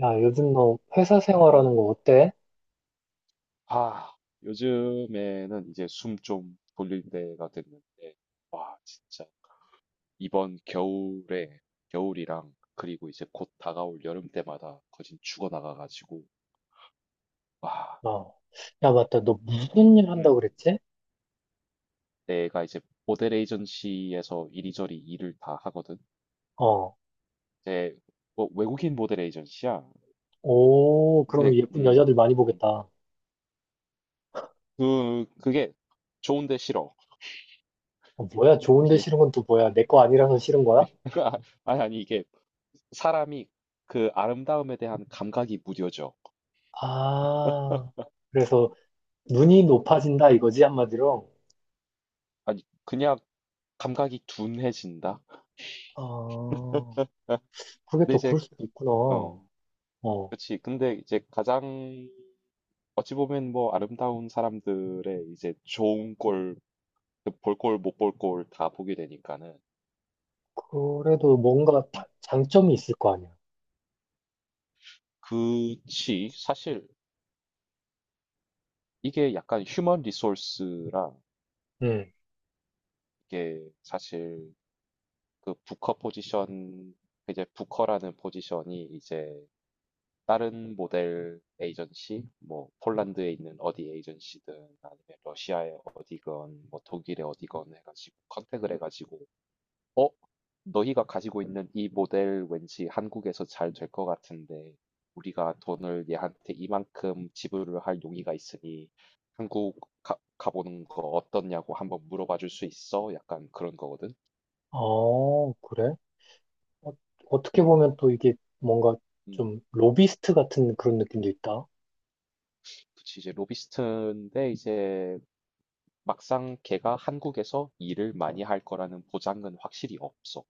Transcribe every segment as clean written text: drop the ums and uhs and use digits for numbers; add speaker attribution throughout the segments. Speaker 1: 야, 요즘 너 회사 생활하는
Speaker 2: 음.
Speaker 1: 거 어때?
Speaker 2: 아, 요즘에는 이제 숨 좀 돌릴 때가 됐는데, 와, 진짜 이번 겨울에 겨울이랑 그리고 이제 곧 다가올 여름 때마다 거진 죽어나가가지고, 와,
Speaker 1: 어. 야, 맞다. 너
Speaker 2: 음,
Speaker 1: 무슨 일 한다고
Speaker 2: 음.
Speaker 1: 그랬지?
Speaker 2: 내가 이제 모델 에이전시에서 이리저리 일을 다 하거든.
Speaker 1: 어.
Speaker 2: 이제 뭐 외국인 모델 에이전시야.
Speaker 1: 오, 그럼
Speaker 2: 근데
Speaker 1: 예쁜 여자들 많이
Speaker 2: 음.
Speaker 1: 보겠다.
Speaker 2: 어, 그게 좋은데 싫어.
Speaker 1: 어, 뭐야? 좋은데
Speaker 2: 이게
Speaker 1: 싫은 건 또 뭐야? 내 거 아니라서 싫은 거야?
Speaker 2: 아니 아니 이게 사람이 그 아름다움에 대한 감각이 무뎌져.
Speaker 1: 아, 그래서 눈이 높아진다 이거지, 한마디로?
Speaker 2: 아니, 그냥 감각이 둔해진다.
Speaker 1: 어, 그게
Speaker 2: 근데
Speaker 1: 또
Speaker 2: 이제,
Speaker 1: 그럴 수도 있구나.
Speaker 2: 어,
Speaker 1: 어.
Speaker 2: 그렇지. 근데 이제 가장, 어찌 보면 뭐 아름다운 사람들의 이제 좋은 꼴, 그볼 꼴, 못 볼 꼴 다 보게 되니까는.
Speaker 1: 그래도 뭔가
Speaker 2: 음,
Speaker 1: 장점이 있을 거 아니야.
Speaker 2: 그치. 사실 이게 약간 휴먼 리소스랑
Speaker 1: 응.
Speaker 2: 이게 사실 그 부커 포지션, 이제 부커라는 포지션이 이제 다른 모델 에이전시, 뭐 폴란드에 있는 어디 에이전시든 아니면 러시아의 어디건 뭐 독일의 어디건 해가지고 컨택을 해가지고 어? 너희가 가지고 있는 이 모델 왠지 한국에서 잘 될 것 같은데 우리가 돈을 얘한테 이만큼 지불을 할 용의가 있으니 한국 가, 가보는 거 어떻냐고 한번 물어봐 줄 수 있어? 약간 그런 거거든.
Speaker 1: 어, 그래? 어, 어떻게
Speaker 2: 음,
Speaker 1: 보면 또 이게 뭔가 좀
Speaker 2: 음.
Speaker 1: 로비스트 같은 그런 느낌도 있다.
Speaker 2: 그치, 이제 로비스트인데 이제 막상 걔가 한국에서 일을 많이 할 거라는 보장은 확실히 없어.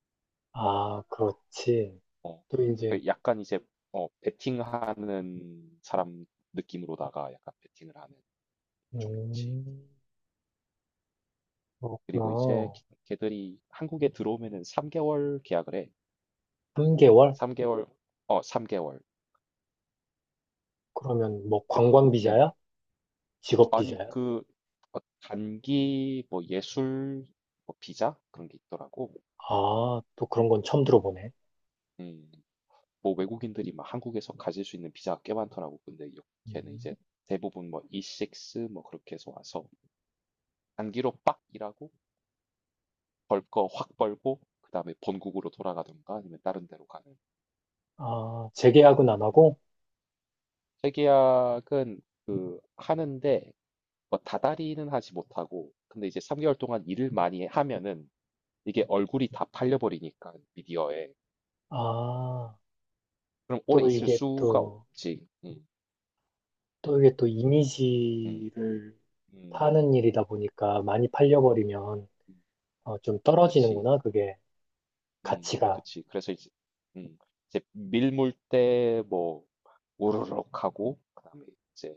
Speaker 1: 아, 그렇지.
Speaker 2: 어,
Speaker 1: 또 이제,
Speaker 2: 그 약간 이제 베팅하는 사람 느낌으로다가 약간 베팅을 하는 좀 있지.
Speaker 1: 음,
Speaker 2: 그리고 이제
Speaker 1: 그렇구나.
Speaker 2: 걔들이 한국에 들어오면은 3개월 계약을 해.
Speaker 1: 3개월?
Speaker 2: 3개월, 어, 3개월.
Speaker 1: 그러면 뭐
Speaker 2: 그리,
Speaker 1: 관광 비자야?
Speaker 2: 음,
Speaker 1: 직업
Speaker 2: 아니
Speaker 1: 비자야?
Speaker 2: 그 단기 뭐 예술 뭐 비자 그런 게 있더라고.
Speaker 1: 아, 또 그런 건 처음
Speaker 2: 음,
Speaker 1: 들어보네.
Speaker 2: 음. 뭐 외국인들이 막 한국에서 가질 수 있는 비자가 꽤 많더라고. 근데 여기에는
Speaker 1: 음.
Speaker 2: 이제 대부분 뭐 E6 뭐 그렇게 해서 와서 단기로 빡 일하고 벌 거 확 벌고 그다음에 본국으로 돌아가던가 아니면 다른 데로 가는.
Speaker 1: 아, 재계약은 안
Speaker 2: 음.
Speaker 1: 하고?
Speaker 2: 재계약은 그 하는데 뭐 다달이는 하지 못하고 근데 이제 3개월 동안 일을 많이 하면은 이게 얼굴이 다 팔려버리니까 미디어에
Speaker 1: 아,
Speaker 2: 그럼 오래
Speaker 1: 또
Speaker 2: 있을
Speaker 1: 이게
Speaker 2: 수가
Speaker 1: 또,
Speaker 2: 없지.
Speaker 1: 또 이게 또
Speaker 2: 음,
Speaker 1: 이미지를
Speaker 2: 음,
Speaker 1: 파는 일이다 보니까 많이 팔려버리면
Speaker 2: 음.
Speaker 1: 어, 좀
Speaker 2: 그치.
Speaker 1: 떨어지는구나, 그게. 가치가.
Speaker 2: 그치. 그래서 이제, 음, 이제 밀물 때 뭐, 우르륵 하고, 그다음에 이제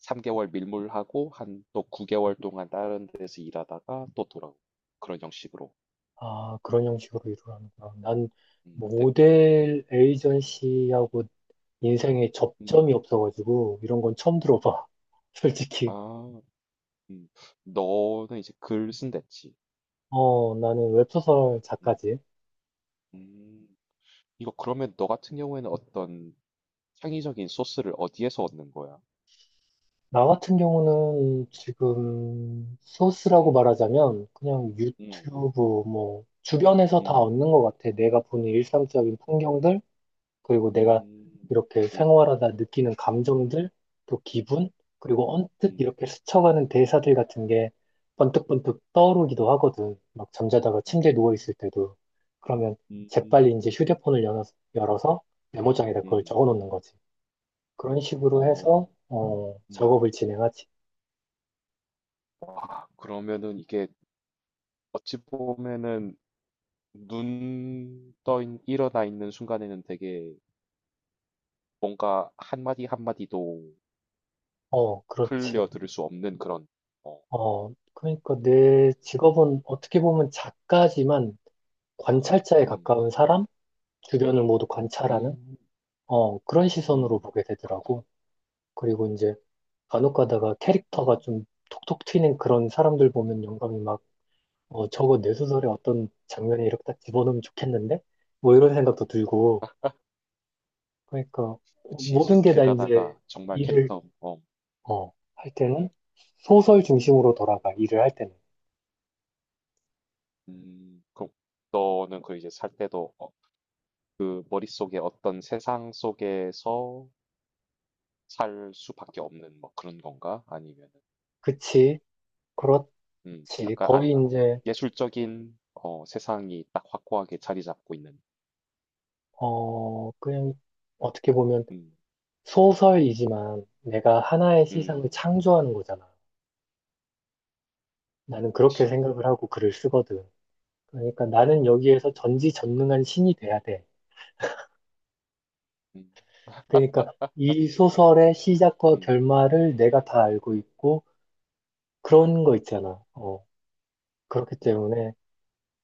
Speaker 2: 3개월 밀물하고, 한 또 9개월 동안 다른 데서 일하다가 또 돌아오고. 그런 형식으로.
Speaker 1: 아, 그런 형식으로 이루어가는구나. 난
Speaker 2: 음,
Speaker 1: 뭐
Speaker 2: 대, 음,
Speaker 1: 모델 에이전시하고 인생에
Speaker 2: 음.
Speaker 1: 접점이 없어가지고 이런 건 처음 들어봐. 솔직히.
Speaker 2: 아, 음. 너는 이제 글 쓴댔지.
Speaker 1: 어, 나는
Speaker 2: 음,
Speaker 1: 웹소설
Speaker 2: 음,
Speaker 1: 작가지.
Speaker 2: 음. 이거 그러면 너 같은 경우에는 어떤 창의적인 소스를 어디에서 얻는 거야?
Speaker 1: 나 같은 경우는 지금 소스라고
Speaker 2: 음,
Speaker 1: 말하자면 그냥
Speaker 2: 음,
Speaker 1: 유튜브 뭐 주변에서 다
Speaker 2: 음,
Speaker 1: 얻는 것 같아. 내가 보는 일상적인 풍경들, 그리고 내가
Speaker 2: 음,
Speaker 1: 이렇게
Speaker 2: 음,
Speaker 1: 생활하다 느끼는 감정들, 또 기분, 그리고 언뜻
Speaker 2: 음.
Speaker 1: 이렇게 스쳐가는 대사들 같은 게 번뜩번뜩 떠오르기도 하거든. 막 잠자다가 침대에
Speaker 2: 음.
Speaker 1: 누워있을 때도. 그러면 재빨리
Speaker 2: 음.
Speaker 1: 이제 휴대폰을 열어서 메모장에다 그걸
Speaker 2: 음.
Speaker 1: 적어 놓는 거지. 그런 식으로
Speaker 2: 어.
Speaker 1: 해서, 어,
Speaker 2: 음.
Speaker 1: 작업을 진행하지.
Speaker 2: 와, 그러면은 이게 어찌 보면은 눈 떠 일어나 있는 순간에는 되게 뭔가 한마디 한마디도
Speaker 1: 어,
Speaker 2: 흘려
Speaker 1: 그렇지.
Speaker 2: 들을 수 없는 그런 어.
Speaker 1: 어, 그러니까 내 직업은
Speaker 2: 음.
Speaker 1: 어떻게 보면 작가지만 관찰자에
Speaker 2: 음.
Speaker 1: 가까운 사람? 주변을 모두 관찰하는?
Speaker 2: 음. 음.
Speaker 1: 어, 그런 시선으로
Speaker 2: 음.
Speaker 1: 보게 되더라고.
Speaker 2: 그렇구나.
Speaker 1: 그리고 이제 간혹 가다가
Speaker 2: 어.
Speaker 1: 캐릭터가 좀 톡톡 튀는 그런 사람들
Speaker 2: 음.
Speaker 1: 보면 영감이 막, 어, 저거 내 소설에 어떤 장면에 이렇게 딱 집어넣으면 좋겠는데? 뭐 이런
Speaker 2: 음.
Speaker 1: 생각도 들고. 그러니까
Speaker 2: 그치. 이제
Speaker 1: 모든 게
Speaker 2: 길
Speaker 1: 다 이제
Speaker 2: 가다가 정말
Speaker 1: 일을,
Speaker 2: 캐릭터 어.
Speaker 1: 어, 할 때는
Speaker 2: 음.
Speaker 1: 소설 중심으로 돌아가, 일을 할 때는.
Speaker 2: 음. 그럼 너는 그 이제 살 때도 그 머릿속에 어떤 세상 속에서 살 수밖에 없는 뭐 그런 건가? 아니면
Speaker 1: 그치, 그렇지.
Speaker 2: 음, 약간 아-
Speaker 1: 거의 이제,
Speaker 2: 예술적인 세상이 딱 확고하게 자리 잡고 있는.
Speaker 1: 어, 그냥 어떻게 보면
Speaker 2: 음,
Speaker 1: 소설이지만 내가 하나의 세상을
Speaker 2: 음,
Speaker 1: 창조하는 거잖아. 나는 그렇게
Speaker 2: 그치,
Speaker 1: 생각을 하고 글을 쓰거든. 그러니까 나는 여기에서 전지전능한 신이 돼야 돼.
Speaker 2: 음,
Speaker 1: 그러니까 이 소설의
Speaker 2: 그치,
Speaker 1: 시작과
Speaker 2: 음,
Speaker 1: 결말을 내가 다 알고 있고 그런 거 있잖아. 어, 그렇기
Speaker 2: 음,
Speaker 1: 때문에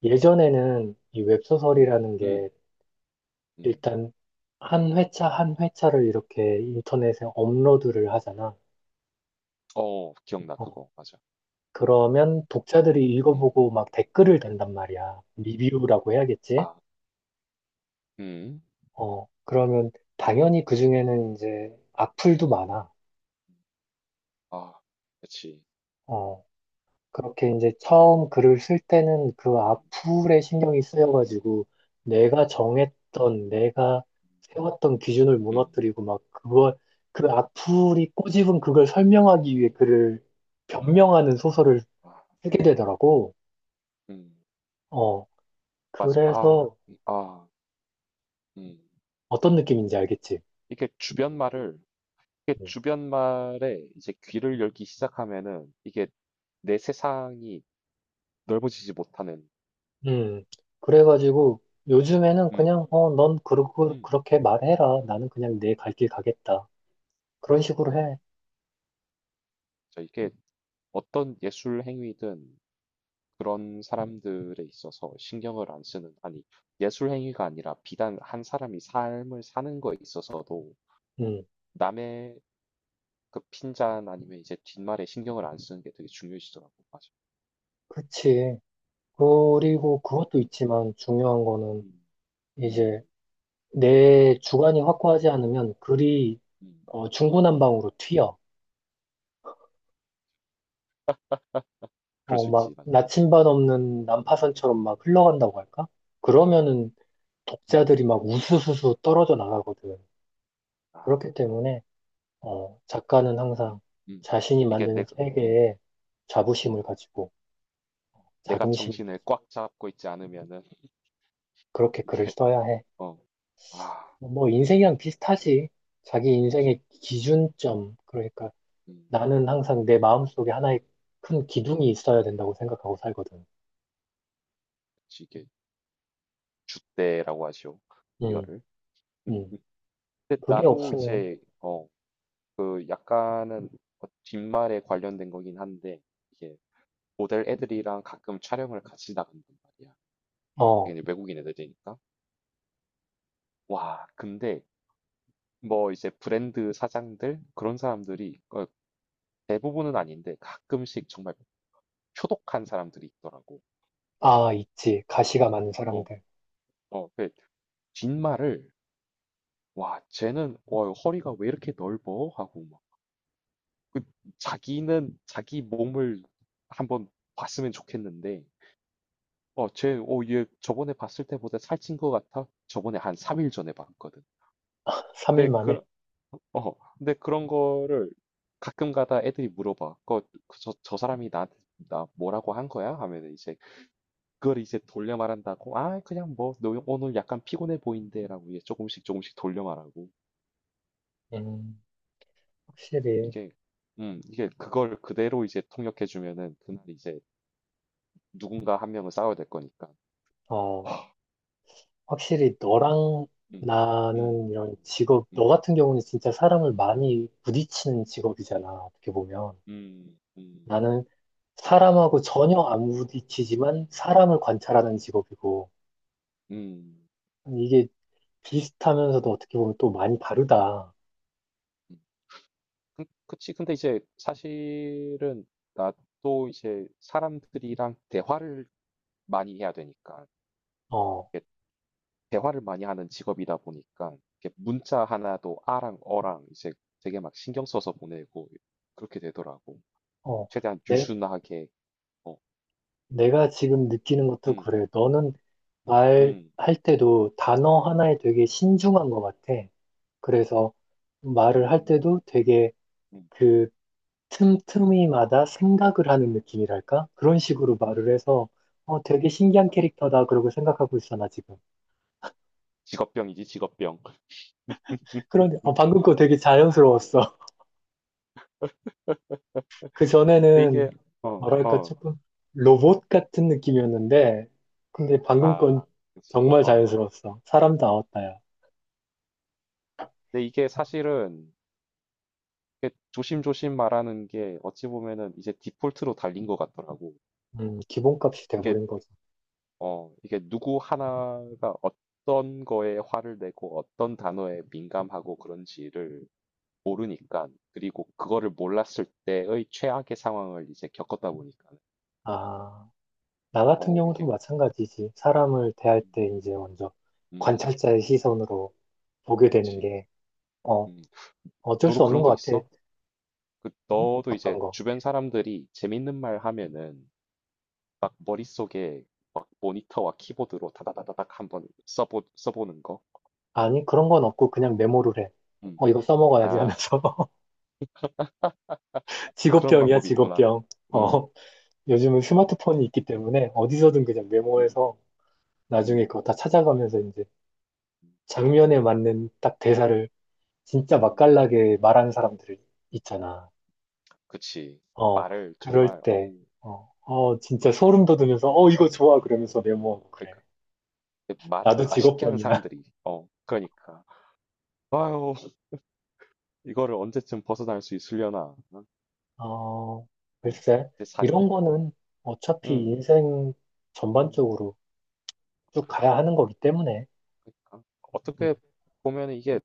Speaker 1: 예전에는 이
Speaker 2: 음,
Speaker 1: 웹소설이라는
Speaker 2: 음,
Speaker 1: 게
Speaker 2: 음.
Speaker 1: 일단 한 회차 한 회차를 이렇게 인터넷에 업로드를 하잖아.
Speaker 2: 어, 기억나
Speaker 1: 어,
Speaker 2: 그거 맞아,
Speaker 1: 그러면 독자들이
Speaker 2: 음,
Speaker 1: 읽어보고 막 댓글을 단단 말이야. 리뷰라고 해야겠지?
Speaker 2: 아, 음,
Speaker 1: 어, 그러면 당연히 그중에는 이제 악플도 많아.
Speaker 2: 아, 그치,
Speaker 1: 어, 그렇게 이제 처음 글을 쓸 때는 그
Speaker 2: 음,
Speaker 1: 악플에 신경이
Speaker 2: 음,
Speaker 1: 쓰여가지고 내가 정했던, 내가
Speaker 2: 음,
Speaker 1: 세웠던 기준을
Speaker 2: 음.
Speaker 1: 무너뜨리고 막 그걸, 그 악플이 꼬집은 그걸 설명하기 위해 글을 변명하는 소설을
Speaker 2: 아,
Speaker 1: 쓰게 되더라고.
Speaker 2: 음,
Speaker 1: 어,
Speaker 2: 맞아, 아,
Speaker 1: 그래서
Speaker 2: 아, 음,
Speaker 1: 어떤 느낌인지 알겠지?
Speaker 2: 이게 주변 말을, 이게
Speaker 1: 음.
Speaker 2: 주변 말에 이제 귀를 열기 시작하면은 이게 내 세상이 넓어지지 못하는.
Speaker 1: 음, 그래가지고 요즘에는
Speaker 2: 음,
Speaker 1: 그냥, 어, 넌 그러고,
Speaker 2: 음,
Speaker 1: 그렇게 말해라. 나는 그냥 내 갈 길 가겠다. 그런 식으로 해.
Speaker 2: 음, 저 이게 어떤 예술 행위든 그런 사람들에 있어서 신경을 안 쓰는, 아니 예술 행위가 아니라 비단 한 사람이 삶을 사는 거에 있어서도
Speaker 1: 음,
Speaker 2: 남의 그 핀잔 아니면 이제 뒷말에 신경을 안 쓰는 게 되게 중요해지더라고. 맞아.
Speaker 1: 그치. 그리고 그것도
Speaker 2: 음,
Speaker 1: 있지만 중요한 거는
Speaker 2: 음,
Speaker 1: 이제
Speaker 2: 음,
Speaker 1: 내 주관이 확고하지 않으면 글이
Speaker 2: 음,
Speaker 1: 어,
Speaker 2: 음.
Speaker 1: 중구난방으로 튀어.
Speaker 2: 그럴
Speaker 1: 어,
Speaker 2: 수
Speaker 1: 막
Speaker 2: 있지. 맞아.
Speaker 1: 나침반 없는 난파선처럼
Speaker 2: 음,
Speaker 1: 막 흘러간다고 할까? 그러면은
Speaker 2: 음.
Speaker 1: 독자들이 막 우수수수 떨어져 나가거든.
Speaker 2: 아.
Speaker 1: 그렇기 때문에 어, 작가는 항상
Speaker 2: 음.
Speaker 1: 자신이
Speaker 2: 이게
Speaker 1: 만드는
Speaker 2: 내가 음.
Speaker 1: 세계에 자부심을
Speaker 2: 음.
Speaker 1: 가지고
Speaker 2: 내가
Speaker 1: 자긍심을 가지고
Speaker 2: 정신을 꽉 잡고 있지 않으면은
Speaker 1: 그렇게 글을
Speaker 2: 이게
Speaker 1: 써야 해.
Speaker 2: 어. 아,
Speaker 1: 뭐
Speaker 2: 힘들다.
Speaker 1: 인생이랑 비슷하지. 자기
Speaker 2: 그렇지.
Speaker 1: 인생의 기준점. 그러니까
Speaker 2: 음.
Speaker 1: 나는 항상 내 마음속에 하나의 큰 기둥이 있어야 된다고 생각하고 살거든.
Speaker 2: 그렇지. 이게 줏대라고 하죠.
Speaker 1: 음,
Speaker 2: 이거를.
Speaker 1: 음.
Speaker 2: 음. 근데
Speaker 1: 그게
Speaker 2: 나도
Speaker 1: 없으면
Speaker 2: 이제 그 약간은 뒷말에 관련된 거긴 한데 이게 모델 애들이랑 가끔 촬영을 같이 나간단 말이야.
Speaker 1: 어,
Speaker 2: 당연히 외국인 애들이니까. 와, 근데 뭐 이제 브랜드 사장들 그런 사람들이 대부분은 아닌데 가끔씩 정말 표독한 사람들이 있더라고.
Speaker 1: 아, 있지. 가시가 많은
Speaker 2: 어,
Speaker 1: 사람들.
Speaker 2: 그 뒷말을 와, 쟤는 와, 허리가 왜 이렇게 넓어? 하고 막. 그 자기는 자기 몸을 한번 봤으면 좋겠는데 얘 저번에 봤을 때보다 살찐 것 같아. 저번에 한 3일 전에 봤거든.
Speaker 1: 3일
Speaker 2: 근데
Speaker 1: 만에.
Speaker 2: 그 근데 그런 거를 가끔 가다 애들이 물어봐. 그 저 사람이 나한테 나 뭐라고 한 거야? 하면 이제 그걸 이제 돌려 말한다고, 아, 그냥 뭐, 너 오늘 약간 피곤해 보인대라고 이제 조금씩 조금씩 돌려 말하고,
Speaker 1: 음, 확실히
Speaker 2: 이게, 이게 그걸 그대로 이제 통역해주면은 그날 이제 누군가 한 명은 싸워야 될 거니까.
Speaker 1: 어. 확실히 너랑
Speaker 2: 음, 음,
Speaker 1: 나는 이런 직업, 너
Speaker 2: 음,
Speaker 1: 같은 경우는 진짜 사람을 많이 부딪히는 직업이잖아, 어떻게 보면.
Speaker 2: 음, 음,
Speaker 1: 나는 사람하고 전혀 안 부딪히지만 사람을 관찰하는 직업이고,
Speaker 2: 음.
Speaker 1: 이게 비슷하면서도 어떻게 보면 또 많이 다르다.
Speaker 2: 음. 그치. 근데 이제 사실은 나도 이제 사람들이랑 대화를 많이 해야 되니까.
Speaker 1: 어,
Speaker 2: 대화를 많이 하는 직업이다 보니까 이렇게 문자 하나도 아랑 어랑 이제 되게 막 신경 써서 보내고 그렇게 되더라고.
Speaker 1: 어,
Speaker 2: 최대한
Speaker 1: 내,
Speaker 2: 유순하게 어.
Speaker 1: 내가 지금 느끼는 것도
Speaker 2: 음,
Speaker 1: 그래. 너는 말할
Speaker 2: 음,
Speaker 1: 때도 단어 하나에 되게 신중한 것 같아. 그래서 말을 할
Speaker 2: 음,
Speaker 1: 때도 되게
Speaker 2: 음,
Speaker 1: 그 틈틈이마다 생각을 하는 느낌이랄까? 그런
Speaker 2: 음.
Speaker 1: 식으로 말을 해서 어, 되게 신기한
Speaker 2: 아,
Speaker 1: 캐릭터다 그러고 생각하고 있어 나 지금.
Speaker 2: 직업병이지 직업병.
Speaker 1: 그런데 어, 방금 거 되게
Speaker 2: 어,
Speaker 1: 자연스러웠어. 그
Speaker 2: 근데
Speaker 1: 전에는
Speaker 2: 이게 어,
Speaker 1: 뭐랄까
Speaker 2: 어,
Speaker 1: 조금 로봇 같은 느낌이었는데 근데 방금
Speaker 2: 아,
Speaker 1: 건
Speaker 2: 그렇지.
Speaker 1: 정말
Speaker 2: 어.
Speaker 1: 자연스러웠어. 사람 나왔다야.
Speaker 2: 근데 이게 사실은 이렇게 조심조심 말하는 게 어찌 보면은 이제 디폴트로 달린 것 같더라고.
Speaker 1: 기본값이
Speaker 2: 이게
Speaker 1: 돼버린 거죠.
Speaker 2: 이게 누구 하나가 어떤 거에 화를 내고 어떤 단어에 민감하고 그런지를 모르니까, 그리고 그거를 몰랐을 때의 최악의 상황을 이제 겪었다 보니까,
Speaker 1: 아, 나 같은
Speaker 2: 어,
Speaker 1: 경우도
Speaker 2: 이게,
Speaker 1: 마찬가지지. 사람을 대할
Speaker 2: 음,
Speaker 1: 때 이제
Speaker 2: 음,
Speaker 1: 먼저
Speaker 2: 음,
Speaker 1: 관찰자의 시선으로 보게 되는
Speaker 2: 그치.
Speaker 1: 게, 어,
Speaker 2: 음,
Speaker 1: 어쩔
Speaker 2: 너도
Speaker 1: 수 없는
Speaker 2: 그런
Speaker 1: 것
Speaker 2: 거
Speaker 1: 같아.
Speaker 2: 있어? 그,
Speaker 1: 응?
Speaker 2: 너도 이제
Speaker 1: 어떤 거?
Speaker 2: 주변 사람들이 재밌는 말 하면은 막 머릿속에 막 모니터와 키보드로 다다다다닥 한번 써보는 거?
Speaker 1: 아니, 그런 건 없고 그냥 메모를 해.
Speaker 2: 음,
Speaker 1: 어, 이거 써먹어야지
Speaker 2: 아,
Speaker 1: 하면서.
Speaker 2: 그런
Speaker 1: 직업병이야,
Speaker 2: 방법이 있구나.
Speaker 1: 직업병.
Speaker 2: 음,
Speaker 1: 어, 요즘은 스마트폰이 있기 때문에 어디서든 그냥
Speaker 2: 음,
Speaker 1: 메모해서 나중에
Speaker 2: 음.
Speaker 1: 그거 다 찾아가면서 이제 장면에 맞는 딱 대사를 진짜
Speaker 2: 음.
Speaker 1: 맛깔나게 말하는 사람들이 있잖아.
Speaker 2: 그치.
Speaker 1: 어,
Speaker 2: 말을
Speaker 1: 그럴
Speaker 2: 정말
Speaker 1: 때,
Speaker 2: 어우
Speaker 1: 어,
Speaker 2: 어
Speaker 1: 어, 진짜 소름 돋으면서, 어, 이거 좋아. 그러면서 메모하고 그래.
Speaker 2: 그러니까 그 말을
Speaker 1: 나도
Speaker 2: 맛있게 하는
Speaker 1: 직업병이야.
Speaker 2: 사람들이 어 그러니까 아유 이거를 언제쯤 벗어날 수 있으려나 어?
Speaker 1: 어,
Speaker 2: 네,
Speaker 1: 글쎄,
Speaker 2: 이제 4년
Speaker 1: 이런 거는 어차피
Speaker 2: 어음음
Speaker 1: 인생 전반적으로 쭉 가야 하는 거기 때문에.
Speaker 2: 그러니까
Speaker 1: 음.
Speaker 2: 어떻게 보면 이게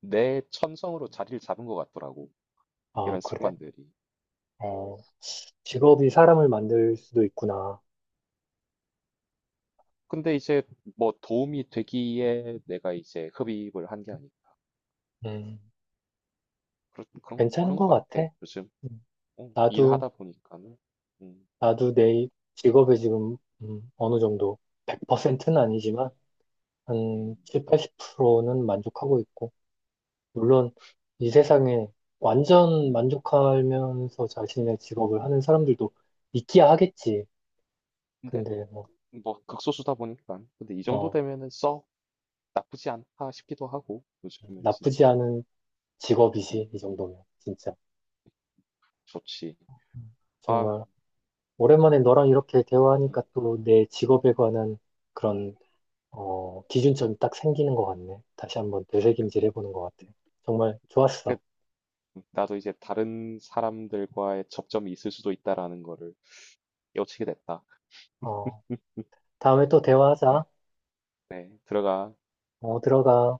Speaker 2: 내 천성으로 자리를 잡은 것 같더라고.
Speaker 1: 아,
Speaker 2: 이런
Speaker 1: 그래?
Speaker 2: 습관들이.
Speaker 1: 어, 직업이 사람을 만들 수도 있구나.
Speaker 2: 근데 이제 뭐 도움이 되기에 내가 이제 흡입을 한 게 아니고
Speaker 1: 음,
Speaker 2: 그런 그런
Speaker 1: 괜찮은
Speaker 2: 그런 것
Speaker 1: 것 같아.
Speaker 2: 같아 요즘.
Speaker 1: 음,
Speaker 2: 어,
Speaker 1: 나도,
Speaker 2: 일하다 보니까는. 음,
Speaker 1: 나도 내 직업에 지금, 어느 정도, 100%는 아니지만, 한
Speaker 2: 음,
Speaker 1: 7, 80%는 만족하고 있고, 물론, 이 세상에 완전
Speaker 2: 음.
Speaker 1: 만족하면서 자신의 직업을 하는 사람들도 있기야 하겠지.
Speaker 2: 근데
Speaker 1: 근데, 뭐,
Speaker 2: 뭐 극소수다 보니까 근데 이 정도
Speaker 1: 어,
Speaker 2: 되면은 썩 나쁘지 않다 싶기도 하고 요즘은
Speaker 1: 나쁘지
Speaker 2: 진짜.
Speaker 1: 않은
Speaker 2: 음,
Speaker 1: 직업이지, 이 정도면, 진짜.
Speaker 2: 좋지. 아유,
Speaker 1: 정말 오랜만에 너랑 이렇게
Speaker 2: 음,
Speaker 1: 대화하니까 또 내 직업에 관한 그런 어, 기준점이 딱 생기는 것 같네. 다시 한번
Speaker 2: 그-
Speaker 1: 되새김질 해보는 것 같아. 정말
Speaker 2: 그-
Speaker 1: 좋았어.
Speaker 2: 나도 이제 다른 사람들과의 접점이 있을 수도 있다라는 거를 깨우치게 됐다.
Speaker 1: 어, 다음에 또
Speaker 2: 네,
Speaker 1: 대화하자.
Speaker 2: 네, 들어가.
Speaker 1: 어, 들어가.